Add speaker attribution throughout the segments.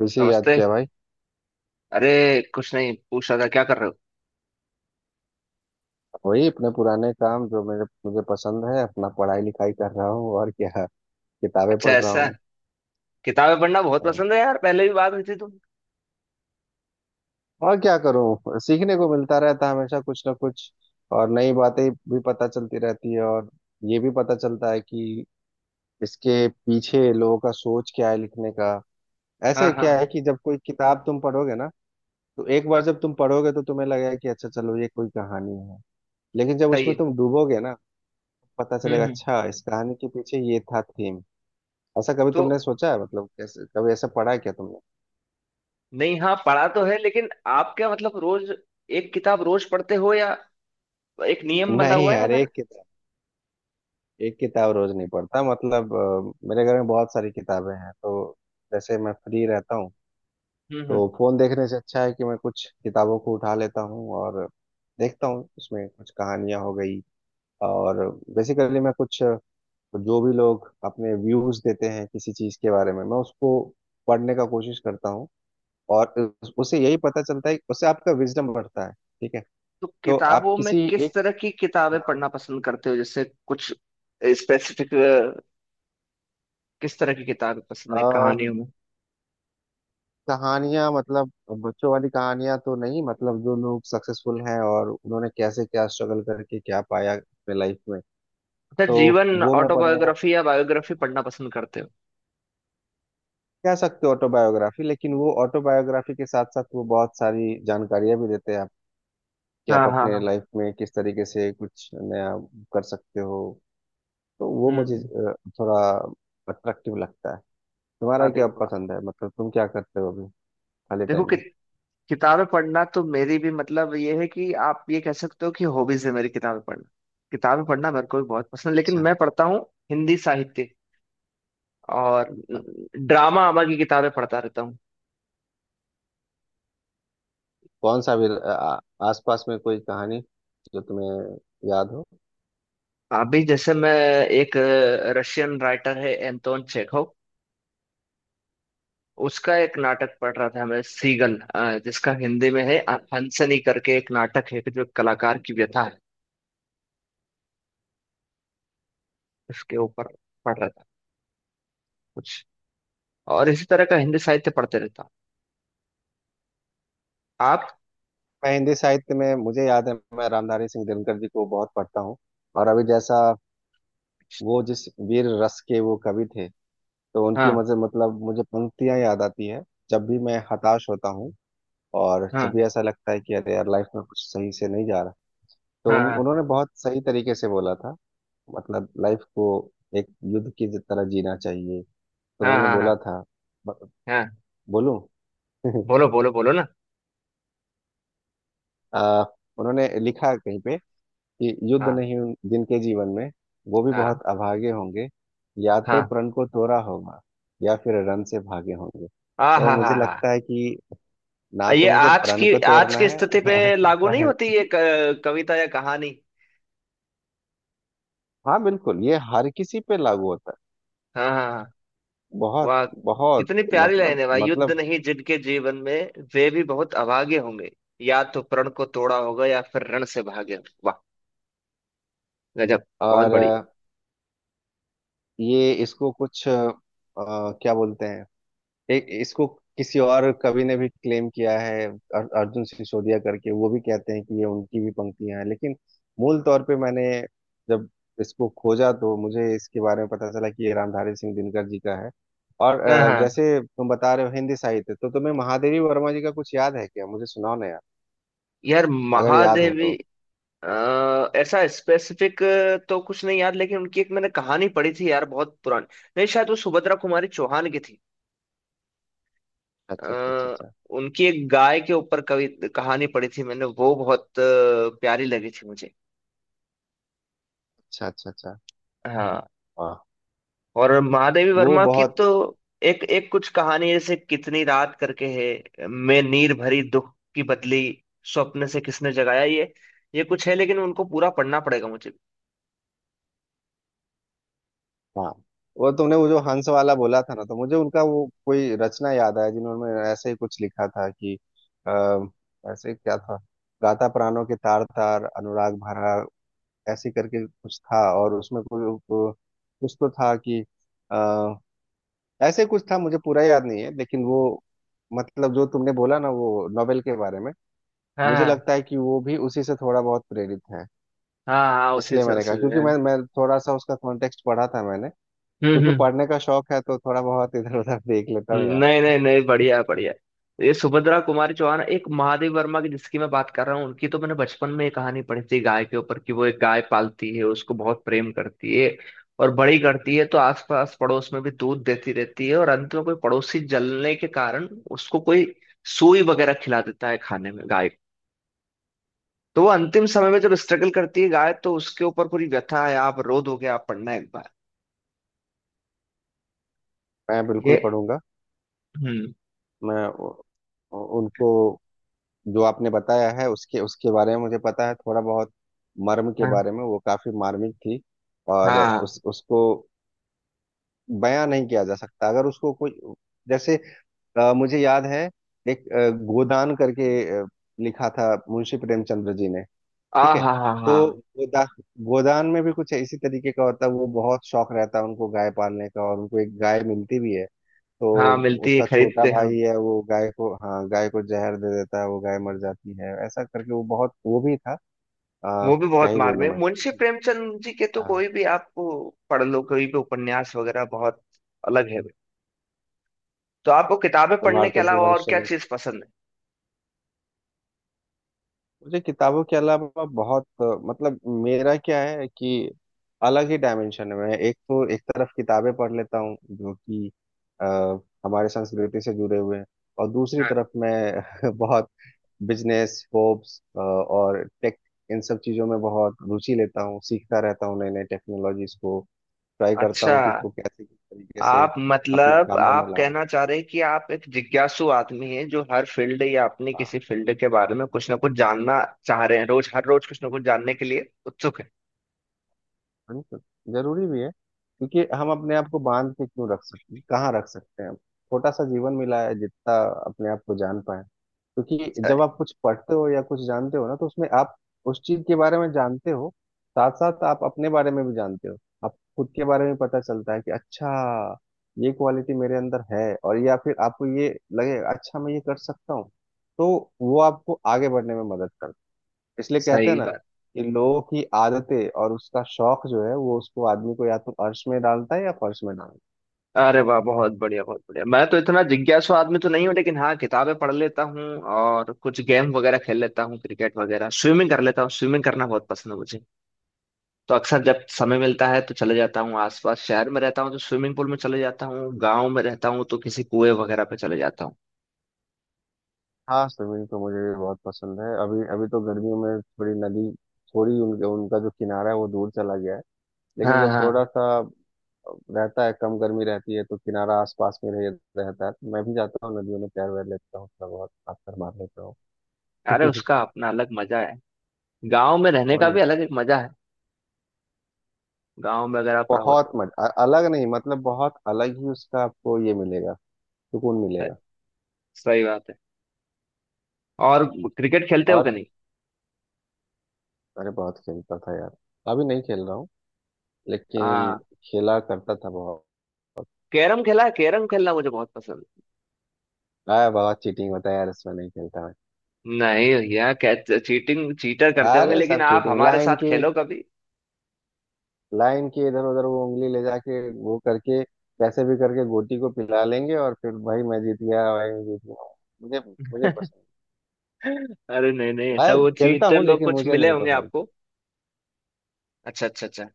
Speaker 1: वैसे ही याद
Speaker 2: नमस्ते।
Speaker 1: किया भाई।
Speaker 2: अरे, कुछ नहीं, पूछ रहा था क्या कर रहे हो।
Speaker 1: वही अपने पुराने काम जो मेरे मुझे पसंद है, अपना पढ़ाई लिखाई कर रहा हूँ और क्या, किताबें
Speaker 2: अच्छा,
Speaker 1: पढ़ रहा
Speaker 2: ऐसा।
Speaker 1: हूँ।
Speaker 2: किताबें पढ़ना बहुत
Speaker 1: और
Speaker 2: पसंद है यार, पहले भी बात हुई थी तुम।
Speaker 1: और क्या करूँ, सीखने को मिलता रहता है हमेशा कुछ ना कुछ। और नई बातें भी पता चलती रहती है, और ये भी पता चलता है कि इसके पीछे लोगों का सोच क्या है लिखने का।
Speaker 2: हाँ
Speaker 1: ऐसे
Speaker 2: हाँ
Speaker 1: क्या है
Speaker 2: हाँ,
Speaker 1: कि जब कोई किताब तुम पढ़ोगे ना, तो एक बार जब तुम पढ़ोगे तो तुम्हें लगेगा कि अच्छा चलो ये कोई कहानी है, लेकिन जब
Speaker 2: सही
Speaker 1: उसमें
Speaker 2: है।
Speaker 1: तुम डूबोगे ना, पता
Speaker 2: हम्म
Speaker 1: चलेगा
Speaker 2: हम्म
Speaker 1: अच्छा इस कहानी के पीछे ये था थीम। ऐसा कभी
Speaker 2: तो
Speaker 1: तुमने सोचा है, मतलब कैसे, कभी ऐसा पढ़ा है क्या तुमने?
Speaker 2: नहीं, हाँ पढ़ा तो है, लेकिन आप क्या मतलब रोज एक किताब रोज पढ़ते हो या एक नियम बंधा
Speaker 1: नहीं
Speaker 2: हुआ है या
Speaker 1: यार,
Speaker 2: फिर।
Speaker 1: एक किताब रोज नहीं पढ़ता, मतलब मेरे घर में बहुत सारी किताबें हैं, तो जैसे मैं फ्री रहता हूँ
Speaker 2: हम्म हम्म
Speaker 1: तो फोन देखने से अच्छा है कि मैं कुछ किताबों को उठा लेता हूँ और देखता हूँ, उसमें कुछ कहानियां हो गई, और बेसिकली मैं कुछ जो भी लोग अपने व्यूज देते हैं किसी चीज के बारे में, मैं उसको पढ़ने का कोशिश करता हूँ। और उससे यही पता चलता है, उससे आपका विजडम बढ़ता है, ठीक है।
Speaker 2: तो
Speaker 1: तो आप
Speaker 2: किताबों में
Speaker 1: किसी
Speaker 2: किस
Speaker 1: एक,
Speaker 2: तरह की किताबें
Speaker 1: हाँ,
Speaker 2: पढ़ना पसंद करते हो, जैसे कुछ स्पेसिफिक, किस तरह की किताबें पसंद है
Speaker 1: आ,
Speaker 2: कहानियों में।
Speaker 1: कहानियां मतलब बच्चों वाली कहानियां तो नहीं, मतलब जो लोग सक्सेसफुल हैं और उन्होंने कैसे क्या स्ट्रगल करके क्या पाया अपने लाइफ में।
Speaker 2: अच्छा,
Speaker 1: तो
Speaker 2: जीवन
Speaker 1: वो मैं पढ़ने का,
Speaker 2: ऑटोबायोग्राफी या बायोग्राफी पढ़ना पसंद करते हो।
Speaker 1: कह सकते हो ऑटोबायोग्राफी, लेकिन वो ऑटोबायोग्राफी के साथ साथ वो बहुत सारी जानकारियां भी देते हैं आप, कि
Speaker 2: हाँ
Speaker 1: आप
Speaker 2: हाँ
Speaker 1: अपने
Speaker 2: हाँ।
Speaker 1: लाइफ में किस तरीके से कुछ नया कर सकते हो। तो वो मुझे
Speaker 2: हम्म,
Speaker 1: थोड़ा अट्रैक्टिव लगता है। तुम्हारा
Speaker 2: अरे
Speaker 1: क्या
Speaker 2: वाह।
Speaker 1: पसंद है, मतलब तुम क्या करते हो अभी खाली
Speaker 2: देखो
Speaker 1: टाइम
Speaker 2: कि,
Speaker 1: में?
Speaker 2: किताबें पढ़ना तो मेरी भी, मतलब ये है कि आप ये कह सकते हो कि हॉबीज है मेरी, किताबें पढ़ना। किताबें पढ़ना मेरे को भी बहुत पसंद है, लेकिन
Speaker 1: अच्छा,
Speaker 2: मैं पढ़ता हूँ हिंदी साहित्य, और ड्रामा आमा की किताबें पढ़ता रहता हूँ।
Speaker 1: कौन सा भी आसपास में कोई कहानी जो तुम्हें याद हो?
Speaker 2: अभी जैसे मैं एक रशियन राइटर है, एंटोन चेखव, उसका एक नाटक पढ़ रहा था मैं सीगन, जिसका हिंदी में है हंसनी करके, एक नाटक है कि जो एक कलाकार की व्यथा है, उसके ऊपर पढ़ रहा था कुछ, और इसी तरह का हिंदी साहित्य पढ़ते रहता हूँ आप।
Speaker 1: मैं हिंदी साहित्य में, मुझे याद है, मैं रामधारी सिंह दिनकर जी को बहुत पढ़ता हूँ। और अभी जैसा, वो जिस वीर रस के वो कवि थे, तो उनकी
Speaker 2: हाँ
Speaker 1: मजे मतलब मुझे पंक्तियां याद आती है जब भी मैं हताश होता हूँ और जब
Speaker 2: हाँ
Speaker 1: भी ऐसा लगता है कि अरे यार लाइफ में कुछ सही से नहीं जा रहा। तो
Speaker 2: हाँ
Speaker 1: उन्होंने बहुत सही तरीके से बोला था मतलब लाइफ को एक युद्ध की तरह जीना चाहिए। तो
Speaker 2: हाँ।
Speaker 1: उन्होंने
Speaker 2: हाँ, हाँ
Speaker 1: बोला
Speaker 2: हाँ
Speaker 1: था, ब-
Speaker 2: हाँ,
Speaker 1: बोलूं?
Speaker 2: बोलो बोलो बोलो ना।
Speaker 1: आ, उन्होंने लिखा कहीं पे कि युद्ध
Speaker 2: हाँ
Speaker 1: नहीं जिनके जीवन में, वो भी
Speaker 2: हाँ
Speaker 1: बहुत अभागे होंगे, या तो
Speaker 2: हाँ।
Speaker 1: प्रण को तोड़ा होगा या फिर रण से भागे होंगे।
Speaker 2: आ
Speaker 1: तो
Speaker 2: हाँ
Speaker 1: मुझे
Speaker 2: हाँ हाँ।
Speaker 1: लगता है कि ना
Speaker 2: ये
Speaker 1: तो मुझे
Speaker 2: आज
Speaker 1: प्रण
Speaker 2: की
Speaker 1: को तोड़ना है
Speaker 2: स्थिति पे लागू
Speaker 1: लगता
Speaker 2: नहीं
Speaker 1: है।
Speaker 2: होती ये कविता या कहानी।
Speaker 1: हाँ बिल्कुल, ये हर किसी पे लागू होता
Speaker 2: हाँ हाँ हाँ,
Speaker 1: है, बहुत
Speaker 2: वाह।
Speaker 1: बहुत
Speaker 2: कितनी प्यारी
Speaker 1: मतलब।
Speaker 2: लाइन है भाई, युद्ध
Speaker 1: मतलब
Speaker 2: नहीं जिनके जीवन में, वे भी बहुत अभागे होंगे, या तो प्रण को तोड़ा होगा या फिर रण से भागे होंगे। वाह, गजब, बहुत
Speaker 1: और
Speaker 2: बढ़िया।
Speaker 1: ये इसको कुछ क्या बोलते हैं, एक इसको किसी और कवि ने भी क्लेम किया है, अर्जुन सिसोदिया करके, वो भी कहते हैं कि ये उनकी भी पंक्तियां हैं, लेकिन मूल तौर पे मैंने जब इसको खोजा तो मुझे इसके बारे में पता चला कि ये रामधारी सिंह दिनकर जी का है। और
Speaker 2: हाँ हाँ,
Speaker 1: जैसे तुम बता रहे हो हिंदी साहित्य, तो तुम्हें महादेवी वर्मा जी का कुछ याद है क्या? मुझे सुनाओ ना यार,
Speaker 2: यार
Speaker 1: अगर याद हो
Speaker 2: महादेवी।
Speaker 1: तो।
Speaker 2: ऐसा स्पेसिफिक तो कुछ नहीं यार, लेकिन उनकी एक मैंने कहानी पढ़ी थी यार, बहुत पुरानी, नहीं शायद वो सुभद्रा कुमारी चौहान की थी।
Speaker 1: अच्छा अच्छा अच्छा
Speaker 2: आ,
Speaker 1: अच्छा,
Speaker 2: उनकी एक गाय के ऊपर कवि कहानी पढ़ी थी मैंने, वो बहुत प्यारी लगी थी मुझे।
Speaker 1: अच्छा अच्छा अच्छा,
Speaker 2: हाँ,
Speaker 1: वाह।
Speaker 2: और महादेवी
Speaker 1: वो
Speaker 2: वर्मा की
Speaker 1: बहुत,
Speaker 2: तो एक एक कुछ कहानी है, जैसे कितनी रात करके है, मैं नीर भरी दुख की बदली, स्वप्न से किसने जगाया, ये कुछ है, लेकिन उनको पूरा पढ़ना पड़ेगा मुझे।
Speaker 1: हाँ। वो तुमने वो जो हंस वाला बोला था ना, तो मुझे उनका वो कोई रचना याद आया जिन्होंने ऐसे ही कुछ लिखा था कि अः ऐसे ही क्या था, गाता प्राणों के तार तार अनुराग भरा, ऐसे करके कुछ था और उसमें कुछ कुछ तो था कि अः ऐसे कुछ था। मुझे पूरा याद नहीं है, लेकिन वो मतलब जो तुमने बोला ना वो नोवेल के बारे में, मुझे
Speaker 2: हाँ
Speaker 1: लगता है कि वो भी उसी से थोड़ा बहुत प्रेरित है।
Speaker 2: हाँ हाँ, उसी
Speaker 1: इसलिए
Speaker 2: से
Speaker 1: मैंने
Speaker 2: उसी
Speaker 1: कहा क्योंकि
Speaker 2: से।
Speaker 1: मैं थोड़ा सा उसका कॉन्टेक्स्ट पढ़ा था मैंने,
Speaker 2: हम्म
Speaker 1: क्योंकि
Speaker 2: हम्म
Speaker 1: पढ़ने का शौक है तो थोड़ा बहुत इधर उधर देख लेता हूँ यार।
Speaker 2: नहीं नहीं नहीं, बढ़िया है, बढ़िया है। ये सुभद्रा कुमारी चौहान, एक महादेव वर्मा की जिसकी मैं बात कर रहा हूँ, उनकी तो मैंने बचपन में ये कहानी पढ़ी थी गाय के ऊपर, कि वो एक गाय पालती है, उसको बहुत प्रेम करती है और बड़ी करती है, तो आसपास पड़ोस में भी दूध देती रहती है, और अंत में कोई पड़ोसी जलने के कारण उसको कोई सुई वगैरह खिला देता है खाने में गाय को। तो वो अंतिम समय में जब स्ट्रगल करती है गाय, तो उसके ऊपर पूरी व्यथा है, आप रो दोगे, आप पढ़ना एक बार
Speaker 1: मैं
Speaker 2: ये।
Speaker 1: बिल्कुल पढ़ूंगा।
Speaker 2: हम्म,
Speaker 1: मैं उ- उनको जो आपने बताया है, उसके उसके बारे में मुझे पता है थोड़ा बहुत, मर्म के
Speaker 2: हाँ
Speaker 1: बारे में, वो काफी मार्मिक थी। और
Speaker 2: हाँ।
Speaker 1: उस उसको बयां नहीं किया जा सकता अगर उसको कोई। जैसे मुझे याद है, एक गोदान करके अ, लिखा था मुंशी प्रेमचंद्र जी ने,
Speaker 2: आ
Speaker 1: ठीक है।
Speaker 2: हा हा
Speaker 1: तो
Speaker 2: हा।
Speaker 1: गोदा गोदान में भी कुछ इसी तरीके का होता है, वो बहुत शौक रहता है उनको गाय पालने का, और उनको एक गाय मिलती भी है। तो
Speaker 2: हाँ, मिलती है,
Speaker 1: उसका छोटा
Speaker 2: खरीदते हैं।
Speaker 1: भाई है वो गाय को, हाँ, गाय को जहर दे देता है, वो गाय मर जाती है। ऐसा करके वो बहुत वो भी था, आ,
Speaker 2: वो भी
Speaker 1: क्या
Speaker 2: बहुत
Speaker 1: ही
Speaker 2: मार
Speaker 1: बोलूं
Speaker 2: में,
Speaker 1: मैं।
Speaker 2: मुंशी प्रेमचंद जी के तो
Speaker 1: हाँ,
Speaker 2: कोई भी आपको पढ़ लो, कोई भी उपन्यास वगैरह, बहुत अलग है। तो आपको किताबें पढ़ने के
Speaker 1: भारतेंदु
Speaker 2: अलावा और क्या
Speaker 1: हरिश्चंद्र।
Speaker 2: चीज पसंद
Speaker 1: मुझे किताबों के अलावा बहुत, मतलब मेरा क्या है कि अलग ही डायमेंशन में है मैं, एक तो एक तरफ किताबें पढ़ लेता हूँ जो कि अ, हमारे संस्कृति से जुड़े हुए हैं, और दूसरी
Speaker 2: है। हाँ।
Speaker 1: तरफ मैं बहुत बिजनेस होप्स और टेक, इन सब चीज़ों में बहुत रुचि लेता हूँ, सीखता रहता हूँ नई नई टेक्नोलॉजीज को, ट्राई करता
Speaker 2: अच्छा,
Speaker 1: हूँ कि इसको कैसे किस तरीके से
Speaker 2: आप
Speaker 1: अपने
Speaker 2: मतलब
Speaker 1: कामों में
Speaker 2: आप
Speaker 1: लाऊं।
Speaker 2: कहना चाह रहे हैं कि आप एक जिज्ञासु आदमी हैं, जो हर फील्ड या अपनी
Speaker 1: हाँ।
Speaker 2: किसी फील्ड के बारे में कुछ ना कुछ जानना चाह रहे हैं, रोज हर रोज कुछ ना कुछ जानने के लिए उत्सुक है
Speaker 1: बिल्कुल, जरूरी भी है क्योंकि हम अपने आप को बांध के क्यों रख सकते हैं, कहाँ रख सकते हैं, छोटा सा जीवन मिला है, जितना अपने आप को जान पाए। क्योंकि
Speaker 2: सही,
Speaker 1: जब आप कुछ पढ़ते हो या कुछ जानते हो ना, तो उसमें आप उस चीज के बारे में जानते हो, साथ साथ आप अपने बारे में भी जानते हो। आप खुद के बारे में पता चलता है कि अच्छा ये क्वालिटी मेरे अंदर है, और या फिर आपको ये लगे अच्छा मैं ये कर सकता हूँ, तो वो आपको आगे बढ़ने में मदद करता है। इसलिए कहते हैं
Speaker 2: सही
Speaker 1: ना
Speaker 2: बात।
Speaker 1: कि लोगों की आदतें और उसका शौक जो है वो उसको, आदमी को या तो अर्श में डालता है या फर्श में डालता है।
Speaker 2: अरे वाह, बहुत बढ़िया, बहुत बढ़िया। मैं तो इतना जिज्ञासु आदमी तो नहीं हूँ, लेकिन हाँ किताबें पढ़ लेता हूँ, और कुछ गेम वगैरह खेल लेता हूँ, क्रिकेट वगैरह, स्विमिंग कर लेता हूँ, स्विमिंग करना बहुत पसंद है मुझे। तो अक्सर जब समय मिलता है तो चले जाता हूँ, आसपास शहर में रहता हूँ तो स्विमिंग पूल में चले जाता हूँ, गाँव में रहता हूँ तो किसी कुएं वगैरह पे चले जाता हूँ।
Speaker 1: हाँ स्विमिंग तो मुझे भी बहुत पसंद है। अभी अभी तो गर्मियों में थोड़ी नदी, थोड़ी उनका जो किनारा है वो दूर चला गया है, लेकिन
Speaker 2: हाँ
Speaker 1: जब
Speaker 2: हाँ,
Speaker 1: थोड़ा सा रहता है, कम गर्मी रहती है, तो किनारा आसपास में रहता है, तो मैं भी जाता हूँ नदियों में, तैर वैर लेता हूँ, थोड़ा बहुत पत्थर मार लेता
Speaker 2: अरे
Speaker 1: हूँ।
Speaker 2: उसका अपना अलग मजा है, गाँव में रहने
Speaker 1: और
Speaker 2: का
Speaker 1: नहीं
Speaker 2: भी
Speaker 1: तो
Speaker 2: अलग एक मजा है, गाँव में अगर आप रहो
Speaker 1: बहुत
Speaker 2: तो।
Speaker 1: मजा अलग नहीं, मतलब बहुत अलग ही उसका आपको ये मिलेगा, सुकून मिलेगा।
Speaker 2: सही बात है। और क्रिकेट खेलते हो कि
Speaker 1: और
Speaker 2: नहीं।
Speaker 1: अरे बहुत खेलता था यार, अभी नहीं खेल रहा हूँ, लेकिन
Speaker 2: हाँ,
Speaker 1: खेला करता था बहुत।
Speaker 2: कैरम खेला है, कैरम खेलना मुझे बहुत पसंद है।
Speaker 1: अरे बहुत चीटिंग होता है यार इसमें, नहीं खेलता मैं।
Speaker 2: नहीं भैया, क्या चीटिंग, चीटर करते होंगे,
Speaker 1: अरे
Speaker 2: लेकिन
Speaker 1: सब
Speaker 2: आप
Speaker 1: चीटिंग,
Speaker 2: हमारे
Speaker 1: लाइन
Speaker 2: साथ
Speaker 1: की
Speaker 2: खेलो कभी।
Speaker 1: लाइन की इधर उधर वो उंगली ले जाके वो करके कैसे भी करके गोटी को पिला लेंगे, और फिर भाई मैं जीत गया, भाई मैं जीत गया। मुझे, मुझे पसंद,
Speaker 2: अरे नहीं नहीं, ऐसा
Speaker 1: अरे
Speaker 2: वो
Speaker 1: खेलता
Speaker 2: चीटर
Speaker 1: हूँ
Speaker 2: लोग
Speaker 1: लेकिन
Speaker 2: कुछ
Speaker 1: मुझे
Speaker 2: मिले
Speaker 1: नहीं
Speaker 2: होंगे
Speaker 1: पसंद।
Speaker 2: आपको। अच्छा अच्छा अच्छा,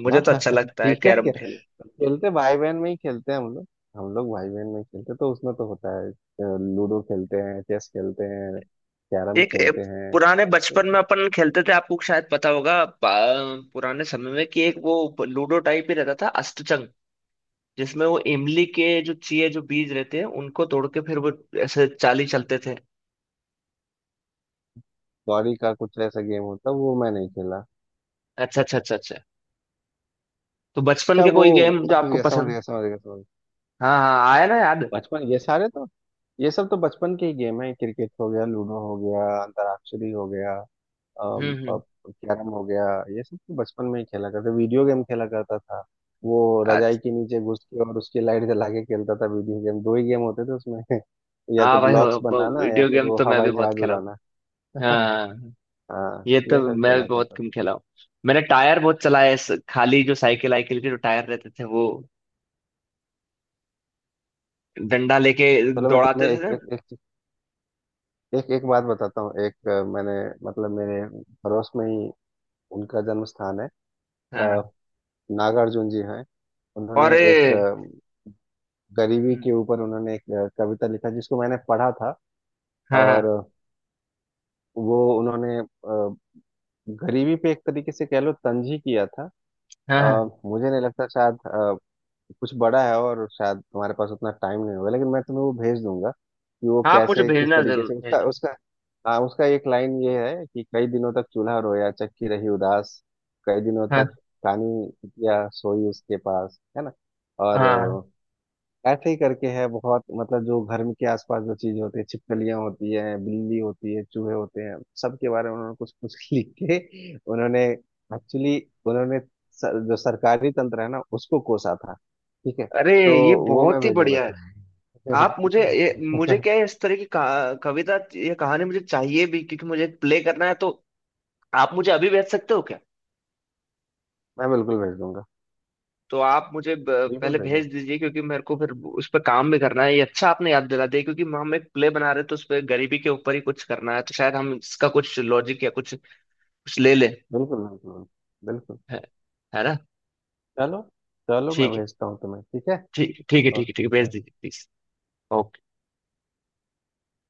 Speaker 2: मुझे
Speaker 1: हाँ
Speaker 2: तो
Speaker 1: हाँ,
Speaker 2: अच्छा
Speaker 1: हाँ,
Speaker 2: लगता है
Speaker 1: ठीक है
Speaker 2: कैरम
Speaker 1: क्या,
Speaker 2: खेल।
Speaker 1: खेलते भाई बहन में ही खेलते हैं हम लोग। हम लोग भाई बहन में ही खेलते हैं, तो उसमें तो होता है लूडो खेलते हैं, चेस खेलते हैं, कैरम
Speaker 2: एक
Speaker 1: खेलते हैं।
Speaker 2: पुराने बचपन में अपन खेलते थे, आपको शायद पता होगा, पुराने समय में, कि एक वो लूडो टाइप ही रहता था अष्टचंग, जिसमें वो इमली के जो चाहिए जो बीज रहते हैं, उनको तोड़ के फिर वो ऐसे चाली चलते थे।
Speaker 1: कौड़ी का कुछ ऐसा गेम होता है वो मैं नहीं खेला।
Speaker 2: अच्छा अच्छा अच्छा अच्छा, तो बचपन
Speaker 1: अच्छा
Speaker 2: के
Speaker 1: वो,
Speaker 2: कोई गेम जो
Speaker 1: समझ
Speaker 2: आपको
Speaker 1: गया समझ
Speaker 2: पसंद।
Speaker 1: गया समझ गया समझ गया।
Speaker 2: हाँ हाँ, आया ना याद।
Speaker 1: बचपन, ये सारे तो, ये सब तो बचपन के ही गेम है, क्रिकेट हो गया, लूडो हो गया, अंतराक्षरी हो गया,
Speaker 2: हम्म,
Speaker 1: कैरम हो गया। ये सब तो बचपन में ही खेला करते, वीडियो गेम खेला करता था वो,
Speaker 2: अच्छा।
Speaker 1: रजाई के नीचे घुस के और उसकी लाइट जला के खेलता था वीडियो गेम। दो ही गेम होते थे उसमें, या तो
Speaker 2: हाँ भाई,
Speaker 1: ब्लॉक्स
Speaker 2: वो
Speaker 1: बनाना या
Speaker 2: वीडियो
Speaker 1: फिर
Speaker 2: गेम
Speaker 1: वो
Speaker 2: तो मैं भी
Speaker 1: हवाई
Speaker 2: बहुत
Speaker 1: जहाज
Speaker 2: खेला हूँ।
Speaker 1: उड़ाना।
Speaker 2: हाँ,
Speaker 1: हाँ
Speaker 2: ये तो
Speaker 1: ये सब
Speaker 2: मैं भी
Speaker 1: खेला
Speaker 2: बहुत
Speaker 1: करता
Speaker 2: गेम
Speaker 1: था।
Speaker 2: खेला हूँ। मैंने टायर बहुत चलाया है, खाली जो साइकिल आइकिल के जो टायर रहते थे, वो डंडा लेके
Speaker 1: चलो मैं
Speaker 2: दौड़ाते
Speaker 1: तुम्हें
Speaker 2: थे
Speaker 1: एक
Speaker 2: ना।
Speaker 1: एक एक एक, एक बात बताता हूँ। एक मैंने, मतलब मेरे पड़ोस में ही उनका जन्म स्थान है,
Speaker 2: हाँ,
Speaker 1: अ, नागार्जुन जी हैं।
Speaker 2: और
Speaker 1: उन्होंने एक गरीबी
Speaker 2: हम्म,
Speaker 1: के ऊपर उन्होंने एक कविता लिखा जिसको मैंने पढ़ा था,
Speaker 2: हाँ
Speaker 1: और
Speaker 2: हाँ
Speaker 1: वो उन्होंने गरीबी पे एक तरीके से कह लो तंज ही किया था।
Speaker 2: हाँ हाँ,
Speaker 1: अ, मुझे नहीं लगता शायद कुछ बड़ा है और शायद तुम्हारे पास उतना टाइम नहीं होगा, लेकिन मैं तुम्हें वो भेज दूंगा कि वो
Speaker 2: हाँ, आप मुझे
Speaker 1: कैसे किस
Speaker 2: भेजना,
Speaker 1: तरीके
Speaker 2: जरूर
Speaker 1: से उसका
Speaker 2: भेजना।
Speaker 1: उसका, हाँ उसका एक लाइन ये है कि कई दिनों तक चूल्हा रोया चक्की रही उदास, कई दिनों
Speaker 2: हाँ
Speaker 1: तक कानी या सोई उसके पास, है ना। और
Speaker 2: हाँ,
Speaker 1: ऐसे ही करके है बहुत, मतलब जो घर में के आसपास जो चीजें होती है, छिपकलियां होती है, बिल्ली होती है, चूहे होते हैं, सबके बारे में उन्होंने कुछ कुछ लिख के, उन्होंने एक्चुअली उन्होंने सर, जो सरकारी तंत्र है ना उसको कोसा था, ठीक है।
Speaker 2: अरे
Speaker 1: तो
Speaker 2: ये
Speaker 1: वो मैं
Speaker 2: बहुत ही
Speaker 1: भेजूंगा
Speaker 2: बढ़िया है।
Speaker 1: था,
Speaker 2: आप मुझे ये, मुझे क्या है, इस तरह की कविता या कहानी मुझे चाहिए भी, क्योंकि मुझे प्ले करना है, तो आप मुझे अभी भेज सकते हो क्या।
Speaker 1: मैं बिल्कुल भेज दूंगा,
Speaker 2: तो आप मुझे
Speaker 1: बिल्कुल
Speaker 2: पहले
Speaker 1: भेज दूंगा,
Speaker 2: भेज दीजिए, क्योंकि मेरे को फिर उस पर काम भी करना है, ये अच्छा आपने याद दिला दिया, क्योंकि हम एक प्ले बना रहे हैं, तो उस पर गरीबी के ऊपर ही कुछ करना है, तो शायद हम इसका कुछ लॉजिक या कुछ कुछ ले ले
Speaker 1: बिल्कुल, बिल्कुल, बिल्कुल।
Speaker 2: है, है ना।
Speaker 1: चलो, चलो मैं
Speaker 2: ठीक है,
Speaker 1: भेजता हूँ तुम्हें, ठीक है।
Speaker 2: ठीक है ठीक है ठीक है ठीक
Speaker 1: ओके,
Speaker 2: है, भेज
Speaker 1: बाय।
Speaker 2: दीजिए प्लीज। ओके।